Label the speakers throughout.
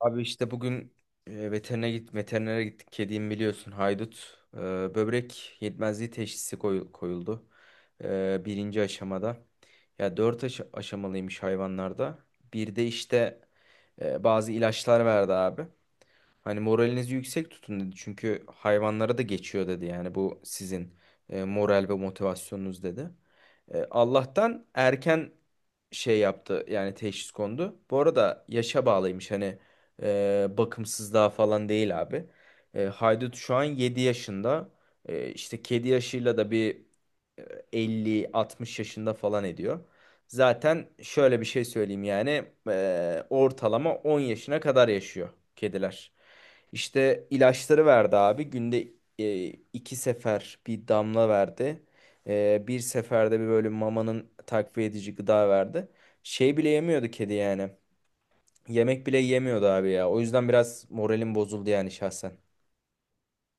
Speaker 1: Abi işte bugün veterinere gittik. Kediyim biliyorsun haydut. Böbrek yetmezliği teşhisi koyuldu. Birinci aşamada. Ya aşamalıymış hayvanlarda. Bir de işte bazı ilaçlar verdi abi. Hani moralinizi yüksek tutun dedi. Çünkü hayvanlara da geçiyor dedi. Yani bu sizin moral ve motivasyonunuz dedi. Allah'tan erken şey yaptı yani teşhis kondu. Bu arada yaşa bağlıymış hani bakımsızlığa falan değil abi. Haydut şu an 7 yaşında. İşte kedi yaşıyla da bir e, elli altmış yaşında falan ediyor. Zaten şöyle bir şey söyleyeyim yani ortalama 10 yaşına kadar yaşıyor kediler. İşte ilaçları verdi abi. Günde e, iki sefer bir damla verdi. Bir seferde bir böyle mamanın takviye edici gıda verdi. Şey bile yemiyordu kedi yani. Yemek bile yemiyordu abi ya. O yüzden biraz moralim bozuldu yani şahsen.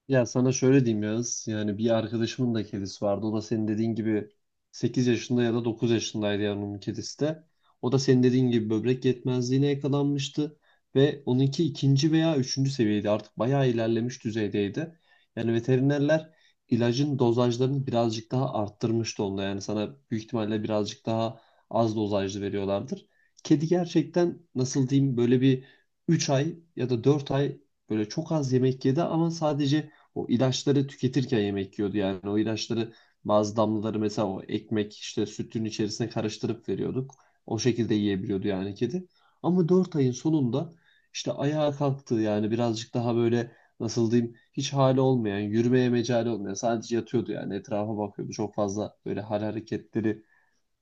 Speaker 2: Ya sana şöyle diyeyim Yağız. Yani bir arkadaşımın da kedisi vardı. O da senin dediğin gibi 8 yaşında ya da 9 yaşındaydı yani onun kedisi de. O da senin dediğin gibi böbrek yetmezliğine yakalanmıştı. Ve onunki ikinci veya üçüncü seviyeydi. Artık bayağı ilerlemiş düzeydeydi. Yani veterinerler ilacın dozajlarını birazcık daha arttırmıştı onda. Yani sana büyük ihtimalle birazcık daha az dozajlı veriyorlardır. Kedi gerçekten nasıl diyeyim böyle bir 3 ay ya da 4 ay böyle çok az yemek yedi ama sadece o ilaçları tüketirken yemek yiyordu. Yani o ilaçları bazı damlaları mesela o ekmek işte sütün içerisine karıştırıp veriyorduk. O şekilde yiyebiliyordu yani kedi. Ama 4 ayın sonunda işte ayağa kalktı yani birazcık daha böyle nasıl diyeyim hiç hali olmayan, yürümeye mecali olmayan sadece yatıyordu yani etrafa bakıyordu. Çok fazla böyle hal hareketleri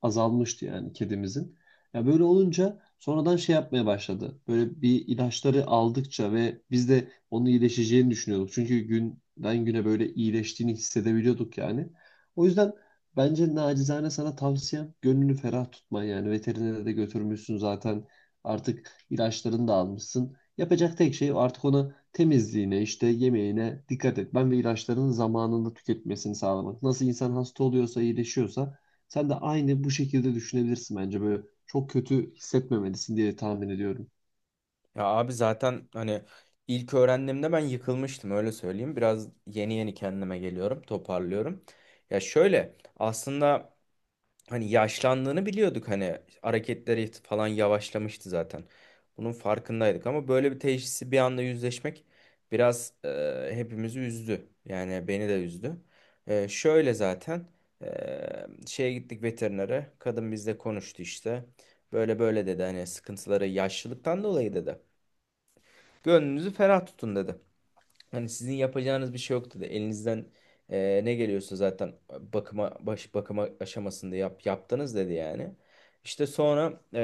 Speaker 2: azalmıştı yani kedimizin. Ya böyle olunca sonradan şey yapmaya başladı. Böyle bir ilaçları aldıkça ve biz de onun iyileşeceğini düşünüyorduk. Çünkü günden güne böyle iyileştiğini hissedebiliyorduk yani. O yüzden bence nacizane sana tavsiyem gönlünü ferah tutman yani. Veterinere de götürmüşsün zaten. Artık ilaçlarını da almışsın. Yapacak tek şey artık ona temizliğine, işte yemeğine dikkat etmen ve ilaçlarının zamanında tüketmesini sağlamak. Nasıl insan hasta oluyorsa, iyileşiyorsa sen de aynı bu şekilde düşünebilirsin bence. Böyle çok kötü hissetmemelisin diye tahmin ediyorum.
Speaker 1: Ya abi zaten hani ilk öğrendiğimde ben yıkılmıştım öyle söyleyeyim. Biraz yeni yeni kendime geliyorum, toparlıyorum. Ya şöyle aslında hani yaşlandığını biliyorduk, hani hareketleri falan yavaşlamıştı zaten. Bunun farkındaydık ama böyle bir teşhisi bir anda yüzleşmek biraz hepimizi üzdü. Yani beni de üzdü. Şöyle zaten şeye gittik veterinere. Kadın bizle konuştu işte. Böyle böyle dedi, hani sıkıntıları yaşlılıktan dolayı dedi. Gönlünüzü ferah tutun dedi. Hani sizin yapacağınız bir şey yoktu da elinizden ne geliyorsa zaten bakıma aşamasında yaptınız dedi yani. İşte sonra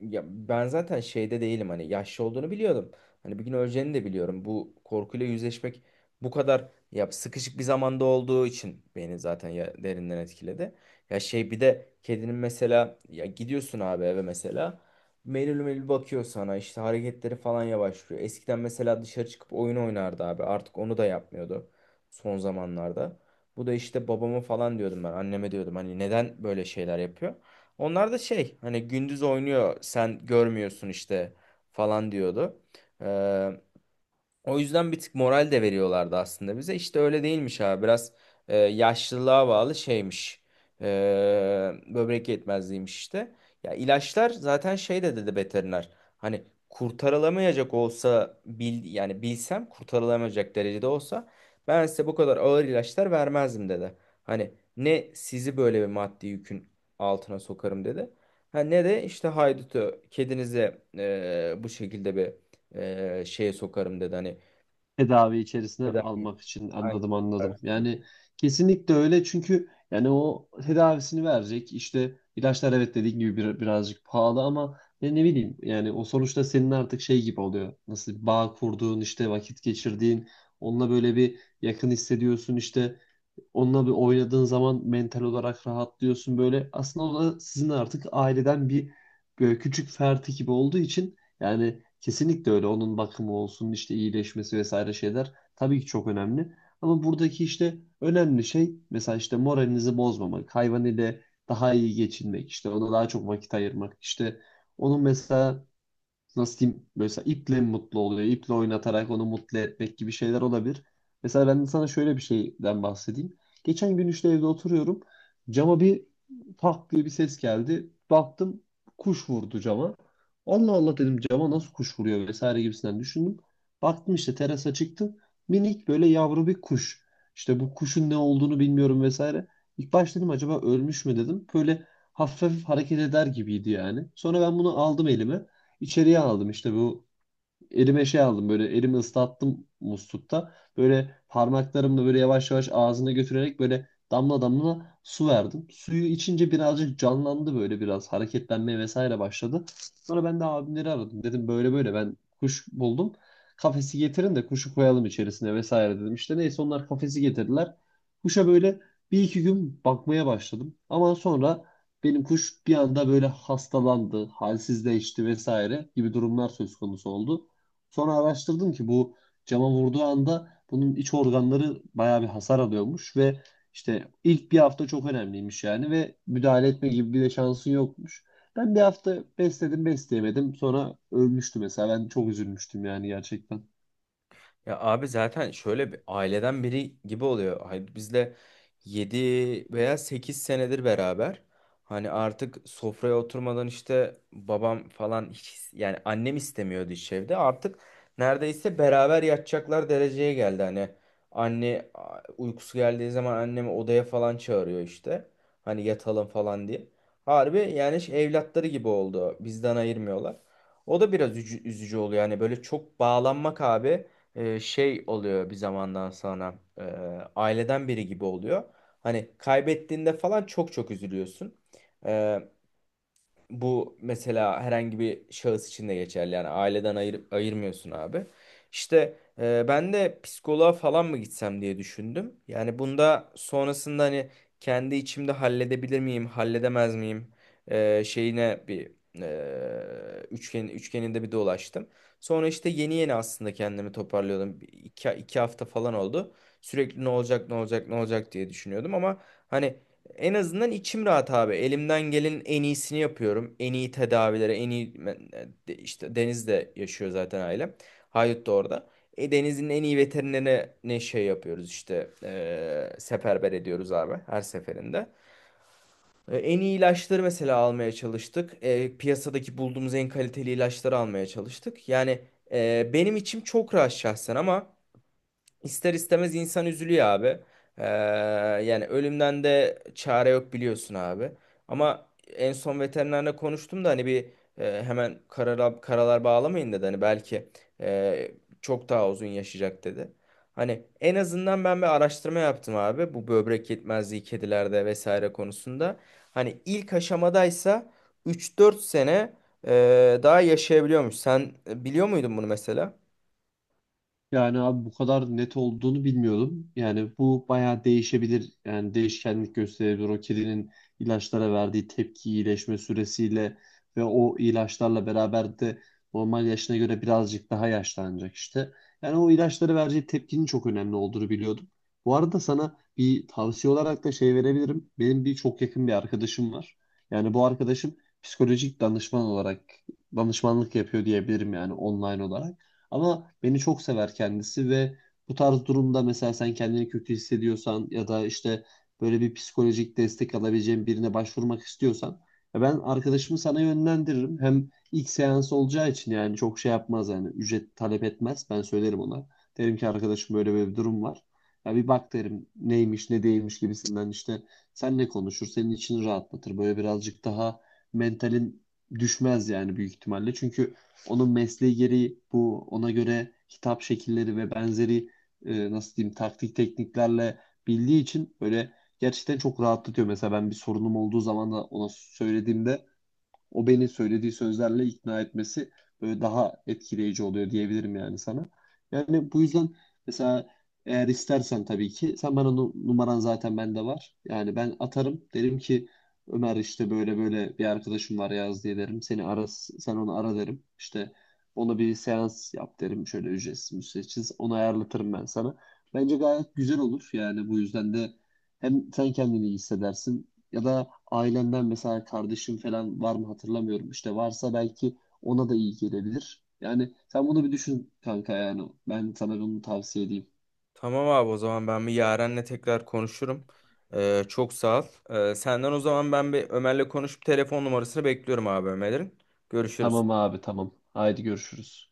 Speaker 1: ya ben zaten şeyde değilim, hani yaşlı olduğunu biliyordum. Hani bir gün öleceğini de biliyorum. Bu korkuyla yüzleşmek bu kadar ya sıkışık bir zamanda olduğu için beni zaten ya derinden etkiledi. Ya şey, bir de kedinin mesela ya gidiyorsun abi eve mesela, melül melül bakıyor sana, işte hareketleri falan yavaşlıyor. Eskiden mesela dışarı çıkıp oyun oynardı abi, artık onu da yapmıyordu son zamanlarda. Bu da işte babama falan diyordum, ben anneme diyordum hani neden böyle şeyler yapıyor. Onlar da şey, hani gündüz oynuyor sen görmüyorsun işte falan diyordu. O yüzden bir tık moral de veriyorlardı aslında bize. İşte öyle değilmiş abi. Biraz yaşlılığa bağlı şeymiş. E, Böbrek yetmezliğiymiş işte. Ya ilaçlar zaten şey de dedi veteriner. Hani kurtarılamayacak olsa bilsem kurtarılamayacak derecede olsa ben size bu kadar ağır ilaçlar vermezdim dedi. Hani ne sizi böyle bir maddi yükün altına sokarım dedi. Ha, ne de işte haydutu, kedinize bu şekilde bir şeye sokarım dedi. Hani
Speaker 2: Tedavi içerisine
Speaker 1: eder.
Speaker 2: almak için anladım anladım.
Speaker 1: Aynen.
Speaker 2: Yani kesinlikle öyle çünkü yani o tedavisini verecek işte ilaçlar evet dediğin gibi birazcık pahalı ama ne bileyim yani o sonuçta senin artık şey gibi oluyor. Nasıl bağ kurduğun işte vakit geçirdiğin onunla böyle bir yakın hissediyorsun işte onunla bir oynadığın zaman mental olarak rahatlıyorsun böyle. Aslında o da sizin artık aileden bir böyle küçük ferdi gibi olduğu için yani kesinlikle öyle onun bakımı olsun işte iyileşmesi vesaire şeyler tabii ki çok önemli. Ama buradaki işte önemli şey mesela işte moralinizi bozmamak, hayvan ile daha iyi geçinmek, işte ona daha çok vakit ayırmak, işte onun mesela nasıl diyeyim mesela iple mi mutlu oluyor? İple oynatarak onu mutlu etmek gibi şeyler olabilir. Mesela ben de sana şöyle bir şeyden bahsedeyim. Geçen gün işte evde oturuyorum. Cama bir tak diye bir ses geldi. Baktım kuş vurdu cama. Allah Allah dedim cama nasıl kuş vuruyor vesaire gibisinden düşündüm. Baktım işte terasa çıktım. Minik böyle yavru bir kuş. İşte bu kuşun ne olduğunu bilmiyorum vesaire. İlk başta dedim acaba ölmüş mü dedim. Böyle hafif hafif hareket eder gibiydi yani. Sonra ben bunu aldım elime içeriye aldım. İşte bu elime şey aldım böyle elimi ıslattım muslukta. Böyle parmaklarımla böyle yavaş yavaş ağzına götürerek böyle damla damla su verdim. Suyu içince birazcık canlandı böyle biraz hareketlenmeye vesaire başladı. Sonra ben de abimleri aradım. Dedim böyle böyle ben kuş buldum. Kafesi getirin de kuşu koyalım içerisine vesaire dedim. İşte neyse onlar kafesi getirdiler. Kuşa böyle bir iki gün bakmaya başladım. Ama sonra benim kuş bir anda böyle hastalandı, halsizleşti vesaire gibi durumlar söz konusu oldu. Sonra araştırdım ki bu cama vurduğu anda bunun iç organları bayağı bir hasar alıyormuş ve işte ilk bir hafta çok önemliymiş yani ve müdahale etme gibi bir de şansın yokmuş. Ben bir hafta besledim besleyemedim sonra ölmüştü mesela ben çok üzülmüştüm yani gerçekten.
Speaker 1: Ya abi zaten şöyle, bir aileden biri gibi oluyor. Hayır, biz de 7 veya 8 senedir beraber. Hani artık sofraya oturmadan işte babam falan hiç, yani annem istemiyordu hiç evde. Artık neredeyse beraber yatacaklar dereceye geldi. Hani uykusu geldiği zaman annemi odaya falan çağırıyor işte. Hani yatalım falan diye. Harbi yani şey, evlatları gibi oldu. Bizden ayırmıyorlar. O da biraz üzücü oluyor. Yani böyle çok bağlanmak abi şey oluyor bir zamandan sonra, aileden biri gibi oluyor. Hani kaybettiğinde falan çok çok üzülüyorsun. Bu mesela herhangi bir şahıs için de geçerli. Yani aileden ayırmıyorsun abi. İşte ben de psikoloğa falan mı gitsem diye düşündüm. Yani bunda sonrasında hani kendi içimde halledebilir miyim, halledemez miyim şeyine bir üçgeninde bir dolaştım. Sonra işte yeni yeni aslında kendimi toparlıyordum. İki hafta falan oldu. Sürekli ne olacak, ne olacak, ne olacak diye düşünüyordum ama hani en azından içim rahat abi. Elimden gelenin en iyisini yapıyorum. En iyi tedavilere, en iyi ben- e, de- işte Deniz de yaşıyor zaten ailem. Haydut da orada. Deniz'in en iyi veterinerine şey yapıyoruz işte, seferber ediyoruz abi her seferinde. En iyi ilaçları mesela almaya çalıştık. Piyasadaki bulduğumuz en kaliteli ilaçları almaya çalıştık. Yani benim içim çok rahat şahsen ama İster istemez insan üzülüyor abi. Ee, Yani ölümden de çare yok biliyorsun abi. Ama en son veterinerle konuştum da hani bir hemen karalar bağlamayın dedi. Hani belki e, çok daha uzun yaşayacak dedi. Hani en azından ben bir araştırma yaptım abi. Bu böbrek yetmezliği kedilerde vesaire konusunda. Hani ilk aşamadaysa 3-4 sene daha yaşayabiliyormuş. Sen biliyor muydun bunu mesela?
Speaker 2: Yani abi bu kadar net olduğunu bilmiyordum. Yani bu bayağı değişebilir. Yani değişkenlik gösterebilir. O kedinin ilaçlara verdiği tepki iyileşme süresiyle ve o ilaçlarla beraber de normal yaşına göre birazcık daha yaşlanacak işte. Yani o ilaçları vereceği tepkinin çok önemli olduğunu biliyordum. Bu arada sana bir tavsiye olarak da şey verebilirim. Benim bir çok yakın bir arkadaşım var. Yani bu arkadaşım psikolojik danışman olarak danışmanlık yapıyor diyebilirim yani online olarak. Ama beni çok sever kendisi ve bu tarz durumda mesela sen kendini kötü hissediyorsan ya da işte böyle bir psikolojik destek alabileceğin birine başvurmak istiyorsan ya ben arkadaşımı sana yönlendiririm. Hem ilk seans olacağı için yani çok şey yapmaz yani ücret talep etmez. Ben söylerim ona. Derim ki arkadaşım böyle böyle bir durum var. Ya bir bak derim neymiş ne değilmiş gibisinden işte senle konuşur senin için rahatlatır. Böyle birazcık daha mentalin düşmez yani büyük ihtimalle. Çünkü onun mesleği gereği bu ona göre hitap şekilleri ve benzeri nasıl diyeyim taktik tekniklerle bildiği için böyle gerçekten çok rahatlatıyor. Mesela ben bir sorunum olduğu zaman da ona söylediğimde o beni söylediği sözlerle ikna etmesi böyle daha etkileyici oluyor diyebilirim yani sana. Yani bu yüzden mesela eğer istersen tabii ki sen bana numaran zaten bende var. Yani ben atarım derim ki Ömer işte böyle böyle bir arkadaşım var yaz diye derim. Seni ara sen onu ara derim. İşte ona bir seans yap derim. Şöyle ücretsiz müsteşsiz onu ayarlatırım ben sana. Bence gayet güzel olur yani bu yüzden de hem sen kendini iyi hissedersin ya da ailemden mesela kardeşim falan var mı hatırlamıyorum. İşte varsa belki ona da iyi gelebilir. Yani sen bunu bir düşün kanka yani. Ben sana bunu tavsiye edeyim.
Speaker 1: Tamam abi, o zaman ben bir Yaren'le tekrar konuşurum. Çok sağ ol. Senden o zaman ben bir Ömer'le konuşup telefon numarasını bekliyorum abi, Ömer'in.
Speaker 2: Tamam
Speaker 1: Görüşürüz.
Speaker 2: abi tamam. Haydi görüşürüz.